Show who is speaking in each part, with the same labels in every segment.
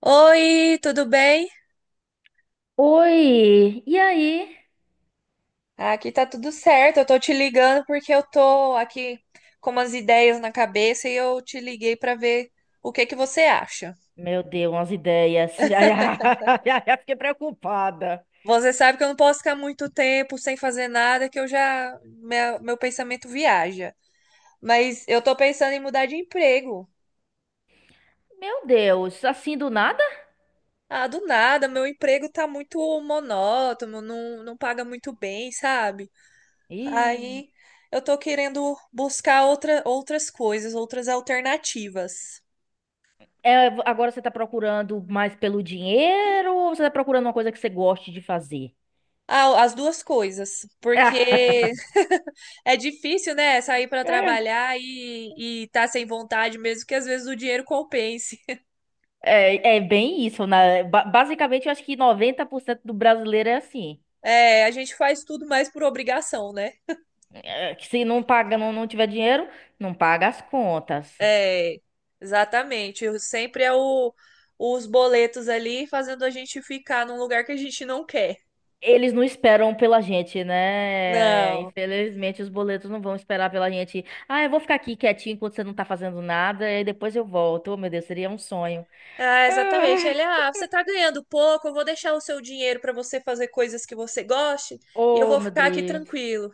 Speaker 1: Oi, tudo bem?
Speaker 2: Oi, e aí?
Speaker 1: Aqui tá tudo certo. Eu tô te ligando porque eu tô aqui com umas ideias na cabeça e eu te liguei pra ver o que que você acha.
Speaker 2: Meu Deus, umas ideias. Ai, ai, ai, ai, fiquei preocupada.
Speaker 1: Você sabe que eu não posso ficar muito tempo sem fazer nada, que eu já meu pensamento viaja. Mas eu tô pensando em mudar de emprego.
Speaker 2: Meu Deus, assim do nada?
Speaker 1: Ah, do nada, meu emprego tá muito monótono, não paga muito bem, sabe?
Speaker 2: Ih.
Speaker 1: Aí eu tô querendo buscar outras coisas, outras alternativas.
Speaker 2: É, agora você tá procurando mais pelo dinheiro ou você tá procurando uma coisa que você goste de fazer?
Speaker 1: Ah, as duas coisas, porque é difícil, né, sair para
Speaker 2: É,
Speaker 1: trabalhar e tá sem vontade mesmo, que às vezes o dinheiro compense.
Speaker 2: é bem isso, né? Basicamente, eu acho que 90% do brasileiro é assim.
Speaker 1: É, a gente faz tudo mais por obrigação, né?
Speaker 2: É, que se não paga, não tiver dinheiro, não paga as contas.
Speaker 1: É, exatamente. Sempre é os boletos ali fazendo a gente ficar num lugar que a gente não quer.
Speaker 2: Eles não esperam pela gente, né?
Speaker 1: Não.
Speaker 2: Infelizmente, os boletos não vão esperar pela gente. Ah, eu vou ficar aqui quietinho enquanto você não tá fazendo nada e depois eu volto. Oh, meu Deus, seria um sonho.
Speaker 1: Ah, exatamente.
Speaker 2: Ah,
Speaker 1: Ah, você tá ganhando pouco, eu vou deixar o seu dinheiro para você fazer coisas que você goste e eu
Speaker 2: oh,
Speaker 1: vou
Speaker 2: meu
Speaker 1: ficar aqui
Speaker 2: Deus.
Speaker 1: tranquilo.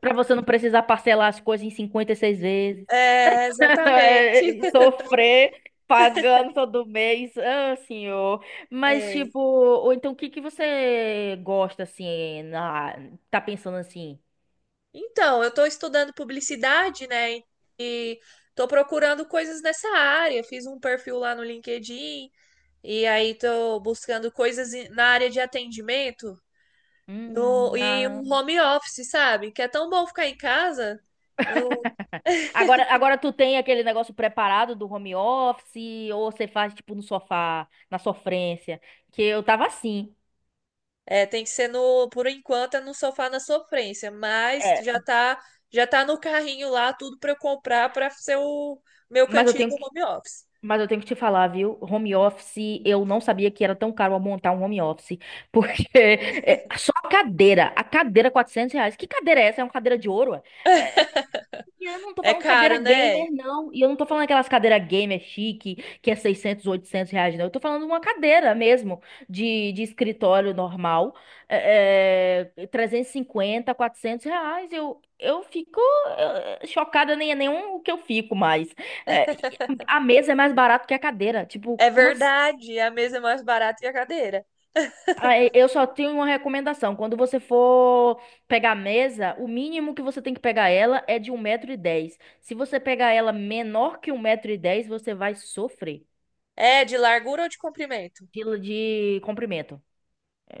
Speaker 2: Pra você não precisar parcelar as coisas em 56 vezes.
Speaker 1: É, exatamente.
Speaker 2: Sofrer pagando todo mês. Ah, senhor. Mas,
Speaker 1: É.
Speaker 2: tipo, ou então o que que você gosta, assim, tá pensando assim?
Speaker 1: Então, eu estou estudando publicidade, né? E estou procurando coisas nessa área. Fiz um perfil lá no LinkedIn e aí estou buscando coisas na área de atendimento no, e
Speaker 2: Ah.
Speaker 1: um home office, sabe? Que é tão bom ficar em casa. Eu-
Speaker 2: Agora tu tem aquele negócio preparado do home office ou você faz tipo no sofá, na sofrência, que eu tava assim.
Speaker 1: é, tem que ser por enquanto, é no sofá na sofrência, mas já
Speaker 2: É,
Speaker 1: tá, já tá no carrinho lá, tudo para eu comprar para ser o meu
Speaker 2: mas eu
Speaker 1: cantinho
Speaker 2: tenho
Speaker 1: do
Speaker 2: que,
Speaker 1: home office.
Speaker 2: mas eu tenho que te falar, viu? Home office, eu não sabia que era tão caro montar um home office, porque é, só a cadeira R$ 400. Que cadeira é essa? É uma cadeira de ouro? Ué? É, e eu não tô
Speaker 1: É
Speaker 2: falando cadeira
Speaker 1: caro, né?
Speaker 2: gamer, não. E eu não tô falando aquelas cadeiras gamer chique, que é R$ 600 R$ 800, não. Eu tô falando uma cadeira mesmo, de escritório normal, R$ 350 R$ 400. Eu fico é, chocada, nem é nenhum o que eu fico mais. É, e a mesa é mais barato que a cadeira. Tipo,
Speaker 1: É
Speaker 2: como
Speaker 1: verdade, a mesa é mais barata que a cadeira.
Speaker 2: ah, eu só tenho uma recomendação. Quando você for pegar a mesa, o mínimo que você tem que pegar ela é de 1,10 m. Se você pegar ela menor que 1,10 m, você vai sofrer
Speaker 1: É de largura ou de comprimento?
Speaker 2: de comprimento.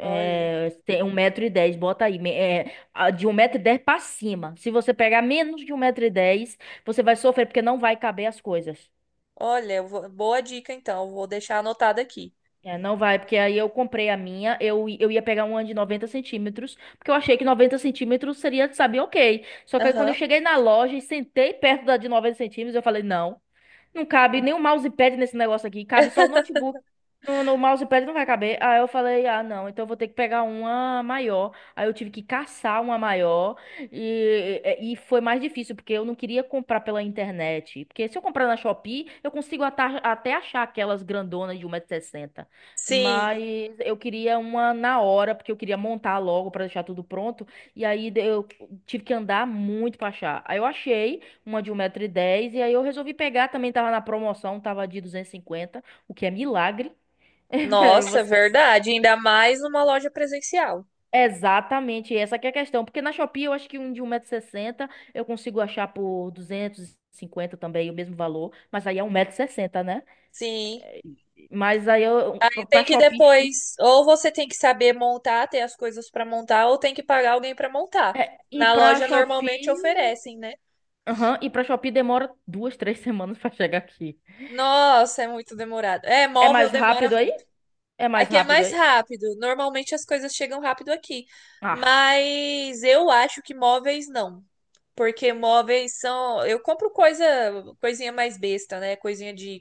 Speaker 1: Olha,
Speaker 2: tem 1,10 m, bota aí. De 1,10 m pra cima. Se você pegar menos de 1,10 m, você vai sofrer porque não vai caber as coisas.
Speaker 1: olha, boa dica então, eu vou deixar anotado aqui.
Speaker 2: É, não vai, porque aí eu comprei a minha, eu ia pegar uma de 90 cm, porque eu achei que 90 cm seria, sabe, ok. Só que aí quando eu
Speaker 1: Aham.
Speaker 2: cheguei na loja e sentei perto da de 90 cm, eu falei, não, não cabe nem o mousepad nesse negócio aqui, cabe só o notebook. No mousepad não vai caber. Aí eu falei, ah, não, então eu vou ter que pegar uma maior. Aí eu tive que caçar uma maior e foi mais difícil, porque eu não queria comprar pela internet. Porque se eu comprar na Shopee, eu consigo até achar aquelas grandonas de 160 sessenta.
Speaker 1: Sim,
Speaker 2: Mas eu queria uma na hora, porque eu queria montar logo para deixar tudo pronto. Eu tive que andar muito pra achar. Aí eu achei uma de 1,10 m e aí eu resolvi pegar, também tava na promoção, tava de 250 o que é milagre. É,
Speaker 1: nossa, verdade, ainda mais numa loja presencial.
Speaker 2: Exatamente, essa que é a questão, porque na Shopee eu acho que um de 1,60 m eu consigo achar por 250 também, o mesmo valor, mas aí é 1,60 m, né?
Speaker 1: Sim,
Speaker 2: Mas aí eu,
Speaker 1: e
Speaker 2: pra
Speaker 1: tem que
Speaker 2: Shopee,
Speaker 1: depois, ou você tem que saber montar, ter as coisas para montar, ou tem que pagar alguém para montar.
Speaker 2: é,
Speaker 1: Na loja normalmente oferecem, né?
Speaker 2: E pra Shopee demora 2, 3 semanas pra chegar aqui.
Speaker 1: Nossa, é muito demorado. É,
Speaker 2: É
Speaker 1: móvel
Speaker 2: mais
Speaker 1: demora
Speaker 2: rápido aí?
Speaker 1: muito.
Speaker 2: É mais
Speaker 1: Aqui é
Speaker 2: rápido
Speaker 1: mais
Speaker 2: aí?
Speaker 1: rápido. Normalmente as coisas chegam rápido aqui.
Speaker 2: Ah.
Speaker 1: Mas eu acho que móveis não. Porque móveis são. Eu compro coisa, coisinha mais besta, né? Coisinha de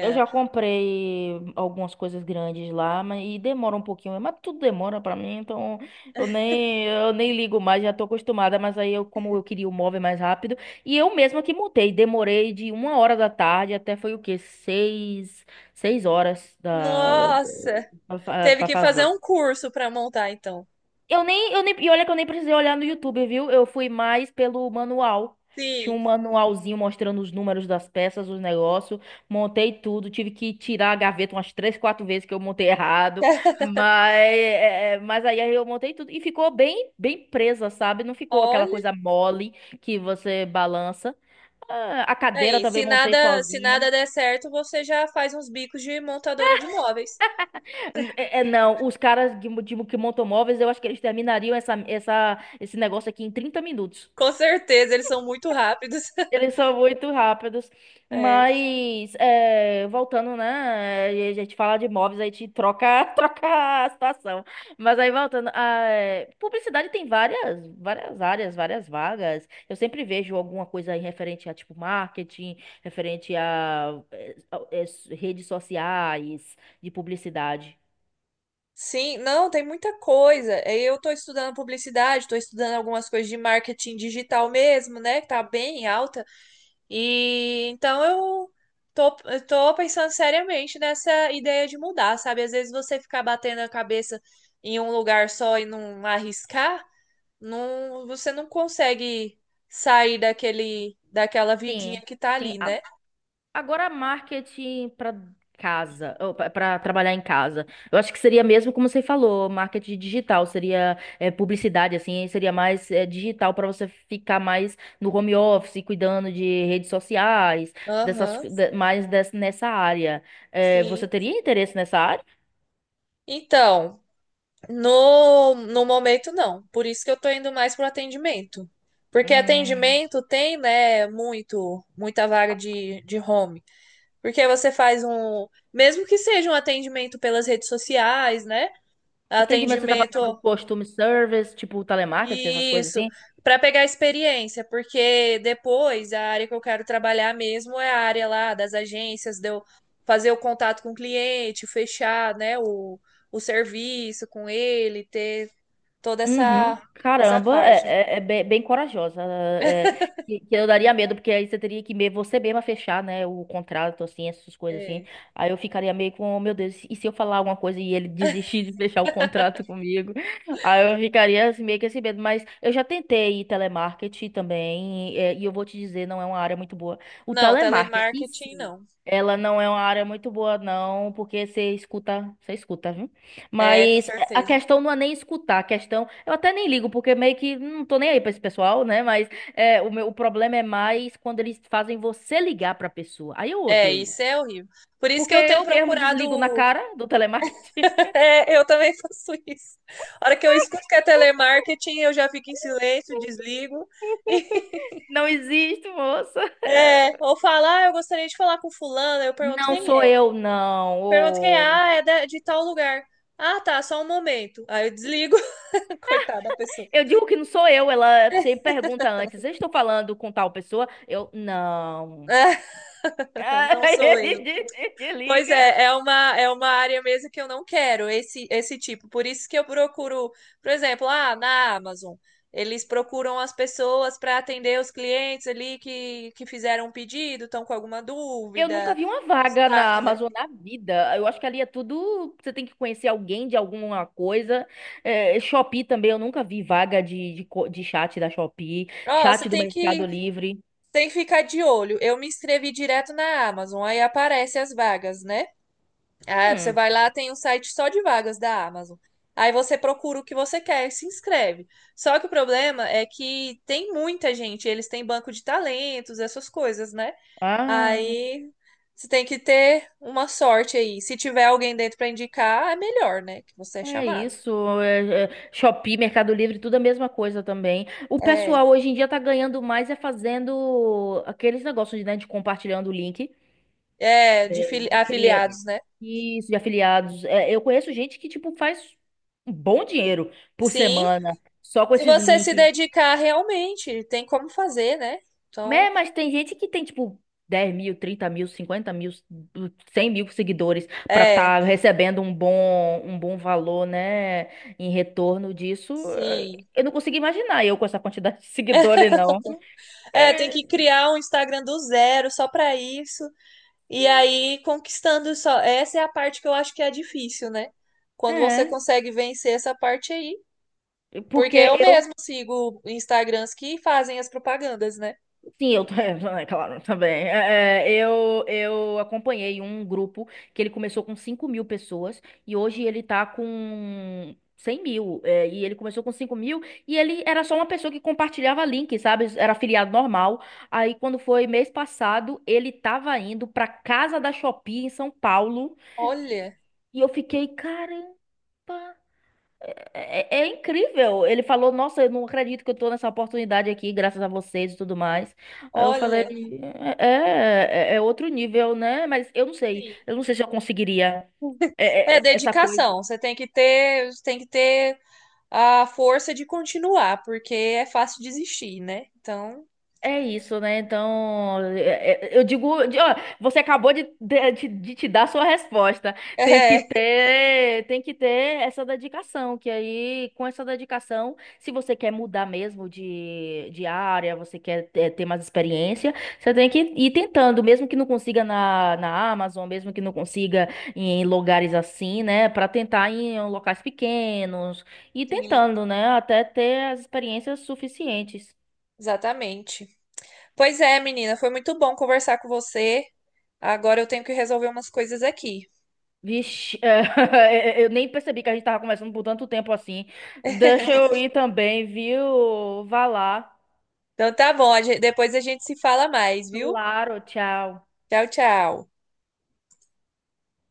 Speaker 2: Eu já comprei algumas coisas grandes lá, mas e demora um pouquinho, mas tudo demora pra mim, então eu nem ligo mais, já tô acostumada, mas aí eu como eu queria o móvel mais rápido, e eu mesma que montei, demorei de 1 hora da tarde até foi o quê? Seis horas
Speaker 1: Nossa! Teve
Speaker 2: pra
Speaker 1: que fazer
Speaker 2: fazer.
Speaker 1: um curso para montar, então.
Speaker 2: Eu nem, e olha que eu nem precisei olhar no YouTube, viu? Eu fui mais pelo manual. Tinha
Speaker 1: Sim.
Speaker 2: um manualzinho mostrando os números das peças, os negócios. Montei tudo, tive que tirar a gaveta umas 3, 4 vezes que eu montei errado. Mas, mas aí eu montei tudo e ficou bem presa, sabe? Não ficou aquela
Speaker 1: Olha
Speaker 2: coisa mole que você balança. Ah, a cadeira
Speaker 1: aí,
Speaker 2: também
Speaker 1: se
Speaker 2: montei
Speaker 1: nada, se
Speaker 2: sozinha.
Speaker 1: nada der certo, você já faz uns bicos de montadora de móveis.
Speaker 2: Não, os caras que montam móveis, eu acho que eles terminariam esse negócio aqui em 30 minutos.
Speaker 1: Com certeza, eles são muito rápidos.
Speaker 2: Eles são muito rápidos,
Speaker 1: É.
Speaker 2: mas é, voltando, né? A gente fala de imóveis, a gente troca, troca a situação. Mas aí voltando, publicidade tem várias áreas, várias vagas. Eu sempre vejo alguma coisa aí referente a tipo marketing, referente a redes sociais de publicidade.
Speaker 1: Sim, não, tem muita coisa. É, eu estou estudando publicidade, estou estudando algumas coisas de marketing digital mesmo, né? Que tá bem alta. E então eu tô pensando seriamente nessa ideia de mudar, sabe? Às vezes você ficar batendo a cabeça em um lugar só e não arriscar, não, você não consegue sair daquele, daquela vidinha
Speaker 2: Sim,
Speaker 1: que tá
Speaker 2: sim.
Speaker 1: ali, né?
Speaker 2: Agora, marketing para casa, para trabalhar em casa. Eu acho que seria mesmo como você falou, marketing digital, seria é, publicidade, assim, seria mais é, digital para você ficar mais no home office, cuidando de redes sociais, dessas,
Speaker 1: Aham,
Speaker 2: co- de- mais des- nessa área. É, você
Speaker 1: sim.
Speaker 2: teria interesse nessa área?
Speaker 1: Então, no momento não. Por isso que eu tô indo mais pro atendimento. Porque
Speaker 2: Hum,
Speaker 1: atendimento tem, né, muito, muita vaga de home. Porque você faz um, mesmo que seja um atendimento pelas redes sociais, né?
Speaker 2: atendimento, você tá falando
Speaker 1: Atendimento,
Speaker 2: tipo costume service, tipo telemarketing, essas coisas
Speaker 1: isso,
Speaker 2: assim?
Speaker 1: para pegar experiência, porque depois a área que eu quero trabalhar mesmo é a área lá das agências, de eu fazer o contato com o cliente, fechar, né, o serviço com ele, ter toda essa
Speaker 2: Uhum.
Speaker 1: essa
Speaker 2: Caramba,
Speaker 1: parte.
Speaker 2: é bem, bem corajosa. É, que eu daria medo, porque aí você teria que você mesma fechar, né, o contrato, assim, essas coisas assim.
Speaker 1: É.
Speaker 2: Aí eu ficaria meio com, "Oh, meu Deus, e se eu falar alguma coisa e ele desistir de fechar o contrato comigo?" Aí eu ficaria assim, meio que esse medo. Mas eu já tentei telemarketing também, é, e eu vou te dizer, não é uma área muito boa. O
Speaker 1: Não,
Speaker 2: telemarketing, em
Speaker 1: telemarketing
Speaker 2: si,
Speaker 1: não.
Speaker 2: ela não é uma área muito boa, não, porque você escuta, viu?
Speaker 1: É, com
Speaker 2: Mas a
Speaker 1: certeza.
Speaker 2: questão não é nem escutar, a questão. Eu até nem ligo, porque meio que não tô nem aí pra esse pessoal, né? Mas é, o problema é mais quando eles fazem você ligar pra pessoa. Aí eu
Speaker 1: É,
Speaker 2: odeio.
Speaker 1: isso é horrível. Por isso que
Speaker 2: Porque
Speaker 1: eu tenho
Speaker 2: eu mesmo
Speaker 1: procurado
Speaker 2: desligo na cara do telemarketing.
Speaker 1: É, Eu também faço isso. A hora que eu escuto que é telemarketing, eu já fico em silêncio, desligo.
Speaker 2: Não existe, moça.
Speaker 1: Ou falar, ah, eu gostaria de falar com fulano, eu pergunto
Speaker 2: Não
Speaker 1: quem
Speaker 2: sou
Speaker 1: é.
Speaker 2: eu, não.
Speaker 1: Pergunto quem é,
Speaker 2: Ô.
Speaker 1: ah, de tal lugar. Ah, tá, só um momento. Aí eu desligo. Coitada da pessoa.
Speaker 2: Eu digo que não sou eu. Ela sempre pergunta antes: eu estou falando com tal pessoa? Eu, não.
Speaker 1: Não
Speaker 2: Aí
Speaker 1: sou eu.
Speaker 2: ele
Speaker 1: Pois
Speaker 2: desliga.
Speaker 1: é, é uma área mesmo que eu não quero, esse tipo. Por isso que eu procuro, por exemplo, ah, na Amazon, eles procuram as pessoas para atender os clientes ali que fizeram um pedido, estão com alguma
Speaker 2: Eu nunca
Speaker 1: dúvida,
Speaker 2: vi uma
Speaker 1: um
Speaker 2: vaga na
Speaker 1: destaque, né?
Speaker 2: Amazon na vida. Eu acho que ali é tudo. Você tem que conhecer alguém de alguma coisa. É, Shopee também, eu nunca vi vaga de chat da Shopee,
Speaker 1: Ó, você
Speaker 2: chat do
Speaker 1: tem que,
Speaker 2: Mercado Livre.
Speaker 1: tem que ficar de olho. Eu me inscrevi direto na Amazon, aí aparece as vagas, né? Ah, você
Speaker 2: Hum,
Speaker 1: vai lá, tem um site só de vagas da Amazon. Aí você procura o que você quer e se inscreve. Só que o problema é que tem muita gente, eles têm banco de talentos, essas coisas, né?
Speaker 2: ah,
Speaker 1: Aí você tem que ter uma sorte aí. Se tiver alguém dentro para indicar, é melhor, né? Que você é
Speaker 2: é
Speaker 1: chamado.
Speaker 2: isso. Shopee, Mercado Livre, tudo a mesma coisa também. O
Speaker 1: É,
Speaker 2: pessoal hoje em dia tá ganhando mais é fazendo aqueles negócios, né, de compartilhando o link.
Speaker 1: é, de
Speaker 2: É, de criar.
Speaker 1: afiliados, né?
Speaker 2: Isso, de afiliados. É, eu conheço gente que, tipo, faz um bom dinheiro por
Speaker 1: Sim,
Speaker 2: semana só com
Speaker 1: se
Speaker 2: esses
Speaker 1: você se
Speaker 2: links.
Speaker 1: dedicar realmente, tem como fazer, né?
Speaker 2: É,
Speaker 1: Então,
Speaker 2: mas tem gente que tem, tipo, 10 mil, 30 mil, 50 mil, 100 mil seguidores pra
Speaker 1: é,
Speaker 2: tá recebendo um bom valor, né? Em retorno disso. Eh,
Speaker 1: sim.
Speaker 2: eu não consigo imaginar eu com essa quantidade de seguidores, não.
Speaker 1: É, tem
Speaker 2: É,
Speaker 1: que criar um Instagram do zero só pra isso. E aí conquistando só. Essa é a parte que eu acho que é difícil, né? Quando você consegue vencer essa parte aí.
Speaker 2: é,
Speaker 1: Porque
Speaker 2: porque
Speaker 1: eu
Speaker 2: eu
Speaker 1: mesmo sigo Instagrams que fazem as propagandas, né?
Speaker 2: Sim, eu, é claro, também. Eu acompanhei um grupo que ele começou com 5 mil pessoas e hoje ele tá com 100 mil. É, e ele começou com 5 mil e ele era só uma pessoa que compartilhava link, sabe? Era afiliado normal. Aí, quando foi mês passado, ele tava indo pra casa da Shopee em São Paulo
Speaker 1: Olha,
Speaker 2: e eu fiquei, caramba. É incrível. Ele falou, nossa, eu não acredito que eu tô nessa oportunidade aqui, graças a vocês e tudo mais. Aí eu falei,
Speaker 1: olha.
Speaker 2: é outro nível, né? Mas eu não sei.
Speaker 1: Sim.
Speaker 2: Eu não sei se eu conseguiria é, é,
Speaker 1: É
Speaker 2: é, essa coisa.
Speaker 1: dedicação. Você tem que ter a força de continuar, porque é fácil desistir, né? Então,
Speaker 2: É isso, né? Então, eu digo, você acabou de te dar sua resposta.
Speaker 1: é,
Speaker 2: Tem que ter essa dedicação, que aí, com essa dedicação, se você quer mudar mesmo de área, você quer ter, ter mais experiência, você tem que ir tentando, mesmo que não consiga na Amazon, mesmo que não consiga em lugares assim, né? Para tentar em locais pequenos, e
Speaker 1: sim,
Speaker 2: tentando, né? Até ter as experiências suficientes.
Speaker 1: exatamente. Pois é, menina, foi muito bom conversar com você. Agora eu tenho que resolver umas coisas aqui.
Speaker 2: Vixe, é, eu nem percebi que a gente tava conversando por tanto tempo assim. Deixa eu ir também, viu? Vá lá.
Speaker 1: Então tá bom, depois a gente se fala mais, viu?
Speaker 2: Claro, tchau.
Speaker 1: Tchau, tchau.